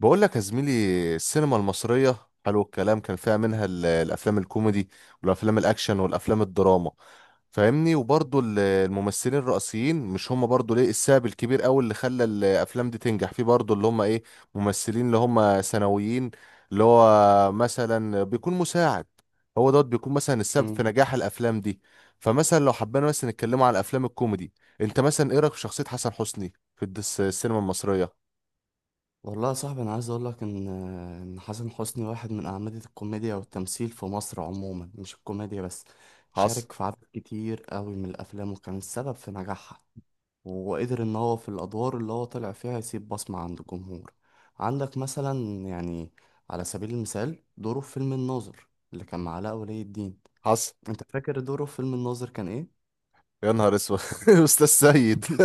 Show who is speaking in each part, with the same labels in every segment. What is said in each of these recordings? Speaker 1: بقول لك يا زميلي، السينما المصرية حلو الكلام، كان فيها منها الأفلام الكوميدي والأفلام الأكشن والأفلام الدراما، فاهمني؟ وبرضه الممثلين الرئيسيين مش هم برضه ليه السبب الكبير أوي اللي خلى الأفلام دي تنجح، في برضه اللي هم إيه؟ ممثلين اللي هم ثانويين، اللي هو مثلا بيكون مساعد، هو دوت بيكون مثلا السبب في
Speaker 2: مم.
Speaker 1: نجاح الأفلام دي. فمثلا لو حبينا مثلا نتكلموا على الأفلام الكوميدي، أنت مثلا إيه رأيك في شخصية حسن حسني في السينما المصرية؟
Speaker 2: والله يا صاحبي، انا عايز اقول لك ان حسن حسني واحد من اعمدة الكوميديا والتمثيل في مصر عموما، مش الكوميديا بس.
Speaker 1: حصل.
Speaker 2: شارك في عدد كتير قوي من الافلام، وكان السبب في نجاحها، وقدر ان هو في الادوار اللي هو طلع فيها يسيب بصمة عند الجمهور. عندك مثلا، يعني، على سبيل المثال دوره في فيلم الناظر اللي كان مع علاء ولي الدين.
Speaker 1: حصل.
Speaker 2: انت فاكر دوره في فيلم الناظر كان ايه؟
Speaker 1: يا نهار اسود! استاذ سيد.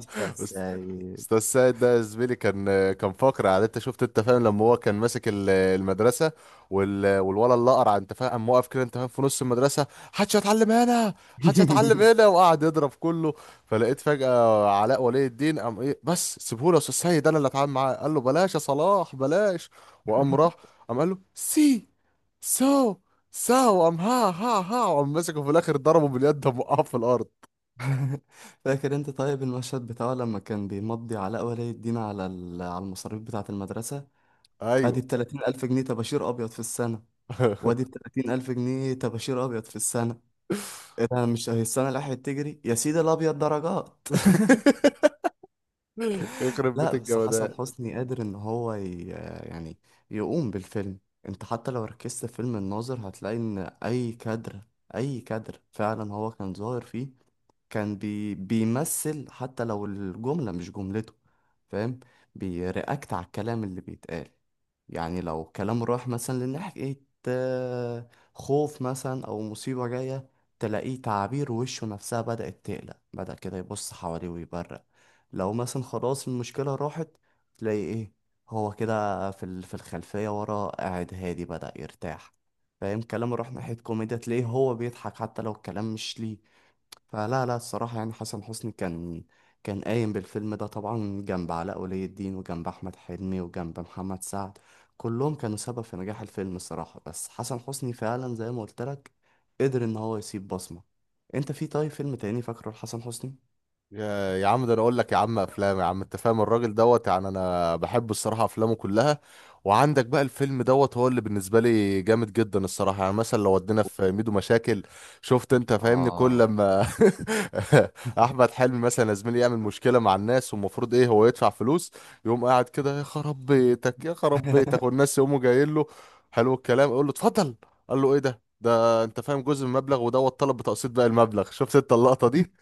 Speaker 2: استاذ
Speaker 1: أست-
Speaker 2: سيد.
Speaker 1: استاذ سيد ده يا زميلي كان فقر، على، انت شفت، انت فاهم لما هو كان ماسك المدرسه، والولد اللي قرع، انت فاهم، قام واقف كده، انت فاهم، في نص المدرسه، حدش هيتعلم هنا، حدش هيتعلم هنا، وقعد يضرب كله. فلقيت فجاه علاء ولي الدين قام ايه، بس سيبهولي يا استاذ سيد، انا اللي اتعامل معاه. قال له: بلاش يا صلاح بلاش. وقام راح، قام قال له: سي سو ساعة، وقام ها ها ها، وقام مسكه في الآخر ضربه باليد، قام وقعه في الأرض.
Speaker 2: فاكر انت طيب المشهد بتاعه لما كان بيمضي علاء ولي الدين على على المصاريف بتاعة المدرسة؟ ادي
Speaker 1: أيوه.
Speaker 2: ب30000 جنيه طباشير أبيض في السنة، وادي ب30000 جنيه طباشير أبيض في السنة. ايه ده؟ مش هي السنة اللي راحت تجري يا سيدي الأبيض درجات؟
Speaker 1: يخرب بيت
Speaker 2: لا، بس حسن
Speaker 1: الجمدان!
Speaker 2: حسني قادر ان هو يعني يقوم بالفيلم. انت حتى لو ركزت في فيلم الناظر هتلاقي ان اي كادر فعلا هو كان ظاهر فيه. كان بيمثل حتى لو الجملة مش جملته، فاهم؟ بيرياكت على الكلام اللي بيتقال. يعني لو كلام راح مثلا لناحية خوف مثلا أو مصيبة جاية، تلاقيه تعابير وشه نفسها بدأت تقلق، بدأ كده يبص حواليه ويبرق. لو مثلا خلاص المشكلة راحت، تلاقي ايه، هو كده في في الخلفية ورا قاعد هادي بدأ يرتاح، فاهم؟ كلام راح ناحية كوميديا تلاقيه هو بيضحك حتى لو الكلام مش ليه. فلا لا، الصراحة يعني حسن حسني كان قايم بالفيلم ده طبعا، جنب علاء ولي الدين وجنب أحمد حلمي وجنب محمد سعد. كلهم كانوا سبب في نجاح الفيلم الصراحة، بس حسن حسني فعلا زي ما قلت لك قدر إن هو يسيب بصمة. أنت في طيب فيلم تاني فاكره لحسن حسني؟
Speaker 1: يا يا عم، ده انا اقول لك يا عم افلام، يا عم انت فاهم، الراجل دوت يعني انا بحب الصراحه افلامه كلها. وعندك بقى الفيلم دوت هو اللي بالنسبه لي جامد جدا الصراحه، يعني مثلا لو ودينا في ميدو مشاكل، شفت انت فاهمني، كل
Speaker 2: اه.
Speaker 1: لما احمد حلمي مثلا يا زميلي يعمل مشكله مع الناس، والمفروض ايه، هو يدفع فلوس، يقوم قاعد كده: يا خراب بيتك، يا خراب بيتك! والناس يقوموا جايين له حلو الكلام، يقول له اتفضل، قال له: ايه ده انت فاهم، جزء من المبلغ، ودوت طلب بتقسيط باقي المبلغ. شفت انت اللقطه دي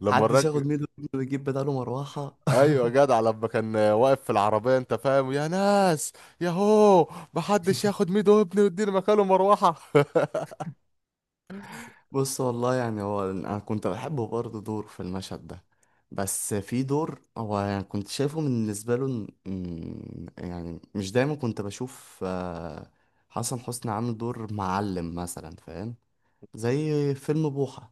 Speaker 1: لما
Speaker 2: محدش
Speaker 1: الراجل،
Speaker 2: ياخد ميدو ويجيب بداله مروحة.
Speaker 1: ايوه جدع، لما كان واقف في العربيه، انت فاهم: يا ناس، يا هو، محدش ياخد ميدو ابني ويديني مكانه مروحه.
Speaker 2: بص، والله يعني هو انا كنت بحبه برضه دور في المشهد ده، بس في دور هو يعني كنت شايفه من بالنسبه له يعني مش دايما كنت بشوف، حسن حسني عامل دور معلم مثلا، فاهم؟ زي فيلم بوحة.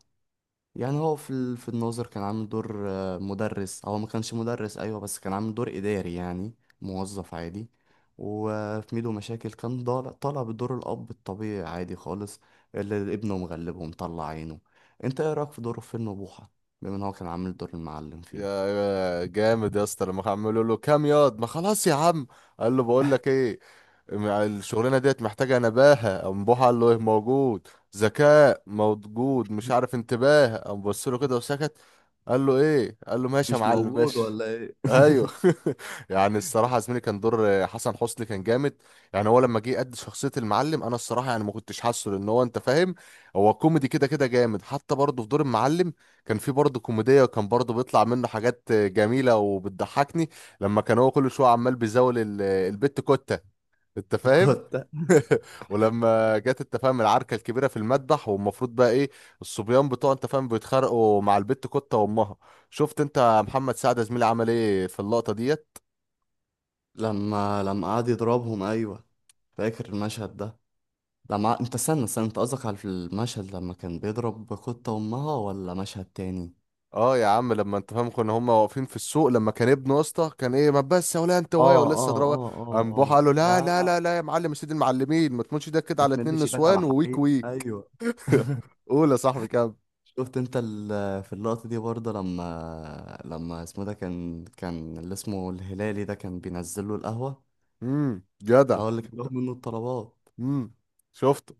Speaker 2: يعني هو في في الناظر كان عامل دور مدرس. هو ما كانش مدرس، ايوه، بس كان عامل دور اداري يعني، موظف عادي. وفي ميدو مشاكل كان طالع بدور الاب الطبيعي عادي خالص، اللي ابنه مغلبه ومطلع عينه. انت ايه رايك في دوره في فيلم بوحه، بما ان هو كان عامل دور المعلم
Speaker 1: يا
Speaker 2: فيه؟
Speaker 1: يا جامد يا اسطى، لما عملوا له كام ياض، ما خلاص يا عم، قال له: بقول لك ايه، مع الشغلانه ديت محتاجه نباهه. قام بوح قال له: ايه، موجود، ذكاء موجود، مش عارف، انتباه. قام بص له كده وسكت. قال له ايه؟ قال له: ماشي يا
Speaker 2: مش
Speaker 1: معلم
Speaker 2: موجود
Speaker 1: ماشي.
Speaker 2: ولا ايه؟
Speaker 1: ايوه. يعني الصراحه يا زميلي كان دور حسن حسني كان جامد. يعني هو لما جه قد شخصيه المعلم، انا الصراحه يعني ما كنتش حاسه، لان هو انت فاهم، هو كوميدي كده كده جامد حتى برضه في دور المعلم. كان في برضه كوميديا، وكان برضه بيطلع منه حاجات جميلة وبتضحكني، لما كان هو كل شوية عمال بيزاول البت كوتة، انت فاهم.
Speaker 2: كنت
Speaker 1: ولما جت انت فاهم العركة الكبيرة في المذبح، والمفروض بقى ايه، الصبيان بتوع انت فاهم بيتخانقوا مع البت كوتة وامها، شفت انت محمد سعد زميلي عمل ايه في اللقطة ديت؟
Speaker 2: لما قعد يضربهم، ايوه، فاكر المشهد ده. لما انت، استنى استنى، انت قصدك على المشهد لما كان بيضرب قطة امها ولا مشهد تاني؟
Speaker 1: اه يا عم، لما انت فاهم كنا هما واقفين في السوق، لما كان ابنه يا اسطى كان ايه، ما بس يا ولا انت وهي،
Speaker 2: اه
Speaker 1: ولسه
Speaker 2: اه
Speaker 1: ضربه،
Speaker 2: اه اه
Speaker 1: قام بوحه
Speaker 2: اه،
Speaker 1: قال له:
Speaker 2: لا،
Speaker 1: لا لا لا لا يا معلم سيد المعلمين، ما تموتش ده كده
Speaker 2: ما
Speaker 1: على اتنين
Speaker 2: تمدش ايدك على
Speaker 1: نسوان وويك
Speaker 2: حقيقة،
Speaker 1: ويك.
Speaker 2: ايوه.
Speaker 1: قول يا صاحبي كام.
Speaker 2: شفت انت في اللقطة دي برضه لما اسمه ده، كان اللي اسمه الهلالي ده كان بينزل له القهوة،
Speaker 1: امم، جدع.
Speaker 2: اللي هو اللي كان بياخد منه الطلبات.
Speaker 1: امم، شفته.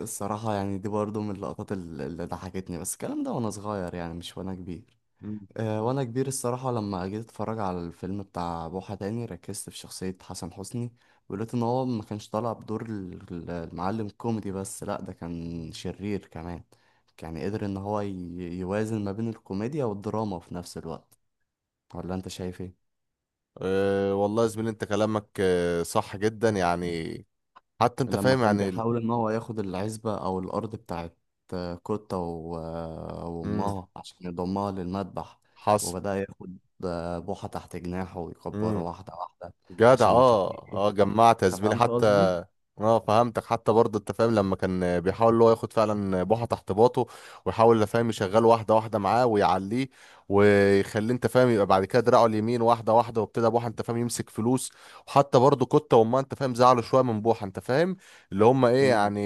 Speaker 2: الصراحة يعني دي برضه من اللقطات اللي ضحكتني، بس الكلام ده وانا صغير يعني، مش وانا كبير.
Speaker 1: مم.
Speaker 2: وانا كبير الصراحة، لما جيت اتفرج على الفيلم بتاع بوحة تاني، ركزت في شخصية حسن حسني، ولقيت ان هو ما كانش طالع بدور المعلم كوميدي بس، لا، ده كان شرير كمان. يعني قدر ان هو يوازن ما بين الكوميديا والدراما في نفس الوقت. ولا انت شايف ايه؟
Speaker 1: أه والله يا زميلي، انت كلامك أه صح جدا، يعني حتى انت
Speaker 2: لما
Speaker 1: فاهم
Speaker 2: كان
Speaker 1: يعني.
Speaker 2: بيحاول ان هو ياخد العزبة او الارض بتاعت كوتا
Speaker 1: امم،
Speaker 2: وامها عشان يضمها للمذبح،
Speaker 1: حصل.
Speaker 2: وبدأ ياخد بوحة تحت جناحه ويكبره
Speaker 1: مم.
Speaker 2: واحدة واحدة
Speaker 1: جدع.
Speaker 2: عشان
Speaker 1: اه
Speaker 2: يخليه،
Speaker 1: اه، جمعت يا زميلي
Speaker 2: فهمت
Speaker 1: حتى،
Speaker 2: قصدي؟
Speaker 1: اه فهمتك. حتى برضه انت فاهم، لما كان بيحاول اللي هو ياخد فعلا بوحه تحت باطه، ويحاول انت فاهم يشغله واحده واحده معاه ويعليه، ويخليه انت فاهم يبقى بعد كده دراعه اليمين واحده واحده، وابتدى بوحه انت فاهم يمسك فلوس. وحتى برضه كوتا وما، انت فاهم، زعلوا شويه من بوحه، انت فاهم، اللي هم ايه
Speaker 2: امم.
Speaker 1: يعني،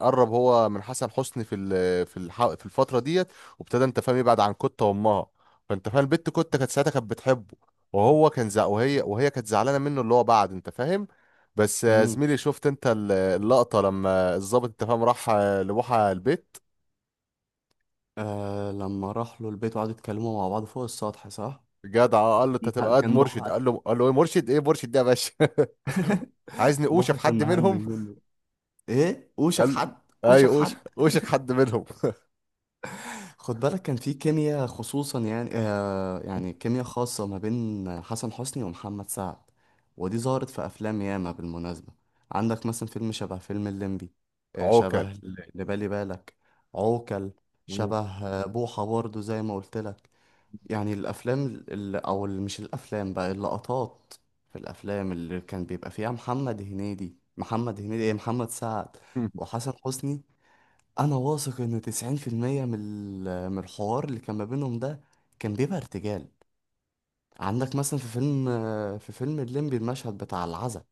Speaker 1: قرب هو من حسن حسني في ال- في الح- في الفتره ديت، وابتدى انت فاهم يبعد عن كوتا وامها، فانت فاهم البت كوتا كانت ساعتها كانت بتحبه، وهي كانت زعلانه منه، اللي هو بعد انت فاهم. بس
Speaker 2: امم.
Speaker 1: زميلي، شفت انت اللقطه لما الضابط انت فاهم راح لبوحه البيت،
Speaker 2: آه، لما راح له البيت وقعدوا يتكلموا مع بعض فوق السطح، صح.
Speaker 1: جدع. قال له: انت
Speaker 2: لا،
Speaker 1: هتبقى قد
Speaker 2: كان
Speaker 1: مرشد.
Speaker 2: بوحة.
Speaker 1: قال له ايه مرشد، ايه مرشد ده يا باشا؟ عايزني اوشك
Speaker 2: بوحة كان
Speaker 1: حد منهم؟
Speaker 2: مهنج منه. ايه وشك
Speaker 1: قال
Speaker 2: حد؟ وشك
Speaker 1: ايوه،
Speaker 2: حد.
Speaker 1: اوشك اوشك حد منهم.
Speaker 2: خد بالك، كان في كيمياء خصوصا، يعني، يعني كيمياء خاصة ما بين حسن حسني ومحمد سعد، ودي ظهرت في افلام ياما بالمناسبة. عندك مثلا فيلم شبه فيلم الليمبي، آه، شبه
Speaker 1: عوكل.
Speaker 2: اللي بالي بالك، عوكل.
Speaker 1: مم.
Speaker 2: شبه بوحة برضه زي ما قلت لك. يعني الافلام مش الافلام بقى، اللقطات في الافلام اللي كان بيبقى فيها محمد هنيدي محمد هنيدي ايه محمد سعد وحسن حسني. انا واثق ان 90% من من الحوار اللي كان ما بينهم ده كان بيبقى ارتجال. عندك مثلا في فيلم الليمبي، المشهد بتاع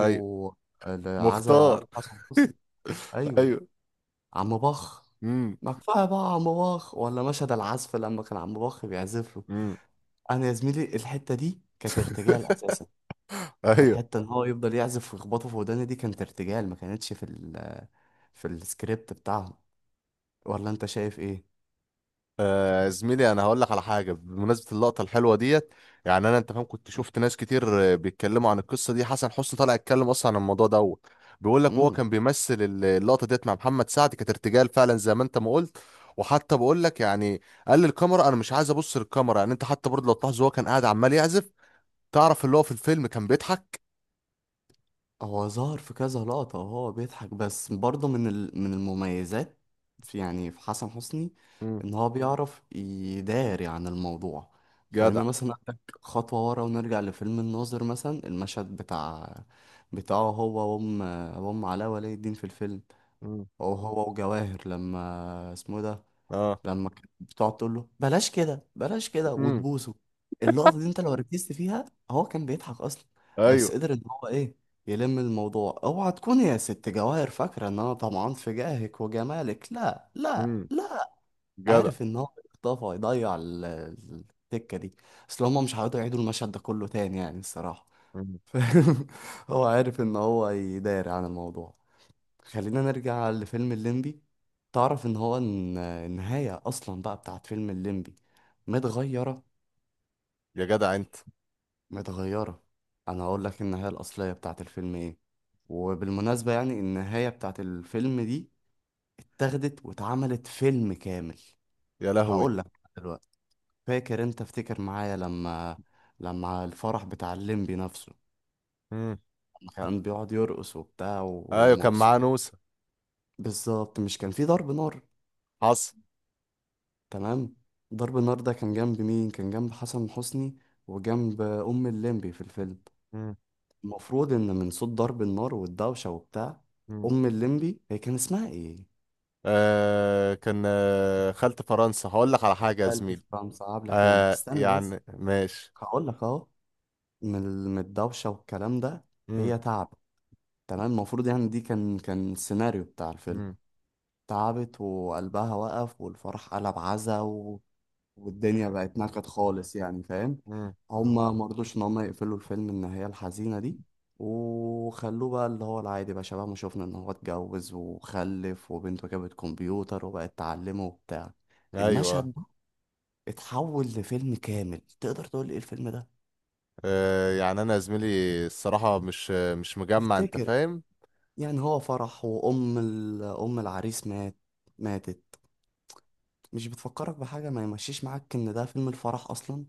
Speaker 1: ايوه،
Speaker 2: العزا
Speaker 1: مختار.
Speaker 2: ابو حسن حسني، ايوه،
Speaker 1: ايوه.
Speaker 2: عم بخ.
Speaker 1: امم،
Speaker 2: ما كفايه بقى عم بخ، ولا مشهد العزف لما كان عم بخ بيعزف.
Speaker 1: امم،
Speaker 2: انا يا زميلي الحته دي كانت ارتجال اساسا.
Speaker 1: ايوه.
Speaker 2: الحته ان هو يفضل يعزف ويخبطه في وداني دي كانت ارتجال، ما كانتش في ال في السكريبت بتاعهم. ولا انت شايف ايه؟
Speaker 1: آه زميلي، انا هقول لك على حاجه بمناسبه اللقطه الحلوه ديت. يعني انا انت فاهم كنت شفت ناس كتير بيتكلموا عن القصه دي، حسن حسني طلع يتكلم اصلا عن الموضوع دوت، بيقول لك وهو
Speaker 2: امم.
Speaker 1: كان بيمثل اللقطه ديت مع محمد سعد كانت ارتجال فعلا زي ما انت ما قلت. وحتى بقول لك يعني، قال للكاميرا انا مش عايز ابص للكاميرا، يعني انت حتى برضه لو تلاحظ هو كان قاعد عمال يعزف، تعرف اللي هو في الفيلم كان بيضحك.
Speaker 2: هو ظهر في كذا لقطه وهو بيضحك، بس برضه من من المميزات في، يعني، في حسن حسني
Speaker 1: مم.
Speaker 2: ان هو بيعرف يداري عن الموضوع.
Speaker 1: جدع.
Speaker 2: خلينا مثلا اخدك خطوه ورا ونرجع لفيلم الناظر مثلا، المشهد بتاعه هو وام علاء ولي الدين في الفيلم.
Speaker 1: مم.
Speaker 2: هو وجواهر، لما اسمه إيه ده،
Speaker 1: اه.
Speaker 2: لما كانت بتقعد تقول له بلاش كده بلاش كده
Speaker 1: مم.
Speaker 2: وتبوسه، اللقطة دي انت لو ركزت فيها، هو كان بيضحك اصلا، بس
Speaker 1: ايوه.
Speaker 2: قدر ان هو ايه، يلم الموضوع. اوعى تكون يا ست جواهر فاكرة ان انا طمعان في جاهك وجمالك، لا لا
Speaker 1: مم.
Speaker 2: لا.
Speaker 1: جدع.
Speaker 2: عارف ان هو اختفى يضيع التكة دي، اصل هما مش هيقعدوا يعيدوا المشهد ده كله تاني يعني الصراحة.
Speaker 1: مم.
Speaker 2: فاهم؟ هو عارف ان هو يداري عن الموضوع. خلينا نرجع لفيلم الليمبي. تعرف ان هو النهاية اصلا بقى بتاعت فيلم الليمبي متغيرة،
Speaker 1: يا جدع انت!
Speaker 2: متغيرة. انا هقول لك النهاية الاصلية بتاعت الفيلم ايه، وبالمناسبة يعني النهاية بتاعت الفيلم دي اتاخدت واتعملت فيلم كامل.
Speaker 1: يا لهوي!
Speaker 2: هقول لك دلوقتي. فاكر انت، افتكر معايا، لما الفرح بتاع الليمبي نفسه،
Speaker 1: مم.
Speaker 2: لما كان بيقعد يرقص وبتاع
Speaker 1: ايوه، كان
Speaker 2: ومبسوط،
Speaker 1: معاه نوسة.
Speaker 2: بالظبط، مش كان في ضرب نار؟
Speaker 1: حصل.
Speaker 2: تمام. ضرب النار ده كان جنب مين؟ كان جنب حسن حسني وجنب ام الليمبي في الفيلم.
Speaker 1: مم.
Speaker 2: المفروض ان من صوت ضرب النار والدوشه وبتاع،
Speaker 1: مم.
Speaker 2: ام الليمبي، هي كان اسمها ايه،
Speaker 1: آه كان خلت فرنسا، هقول لك على حاجة يا
Speaker 2: خالتي
Speaker 1: زميلي.
Speaker 2: في فرنسا، عبلة كامل،
Speaker 1: آه
Speaker 2: استنى بس،
Speaker 1: يعني ماشي.
Speaker 2: هقول لك اهو، من من الدوشه والكلام ده،
Speaker 1: مم.
Speaker 2: هي تعبت. تمام. المفروض، يعني، دي كان السيناريو بتاع الفيلم،
Speaker 1: مم.
Speaker 2: تعبت وقلبها وقف والفرح قلب عزا، والدنيا بقت نكد خالص، يعني، فاهم؟
Speaker 1: مم.
Speaker 2: هما مرضوش ان هما يقفلوا الفيلم النهاية الحزينة دي، وخلوه بقى اللي هو العادي، بقى شبه ما شفنا، ان هو اتجوز وخلف وبنته جابت كمبيوتر وبقت تعلمه وبتاع.
Speaker 1: ايوه.
Speaker 2: المشهد ده اتحول لفيلم كامل. تقدر تقول ايه الفيلم ده؟
Speaker 1: آه يعني انا يا زميلي الصراحة مش مجمع انت
Speaker 2: تفتكر؟
Speaker 1: فاهم.
Speaker 2: يعني هو فرح وام ام العريس مات، ماتت. مش بتفكرك بحاجة؟ ما يمشيش معاك ان ده فيلم الفرح اصلا؟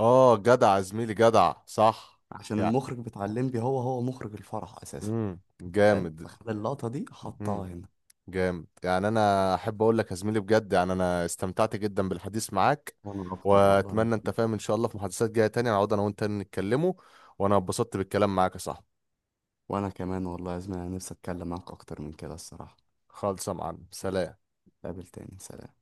Speaker 1: اه جدع يا زميلي، جدع صح
Speaker 2: عشان
Speaker 1: يعني.
Speaker 2: المخرج بتاع الليمبي هو مخرج الفرح اساسا،
Speaker 1: مم.
Speaker 2: فاهم؟
Speaker 1: جامد.
Speaker 2: فخد اللقطة دي حطها
Speaker 1: مم.
Speaker 2: هنا.
Speaker 1: جامد يعني، انا احب اقول لك يا زميلي بجد، يعني انا استمتعت جدا بالحديث معاك.
Speaker 2: وانا اكتر والله يا
Speaker 1: واتمنى انت
Speaker 2: زميلي.
Speaker 1: فاهم ان شاء الله في محادثات جايه تانية نقعد انا وانت نتكلموا، وانا اتبسطت بالكلام معاك يا صاحبي.
Speaker 2: وانا كمان والله يا زميلي، انا نفسي اتكلم معاك اكتر من كده الصراحة.
Speaker 1: خالص يا معلم، سلام.
Speaker 2: نتقابل تاني، سلام.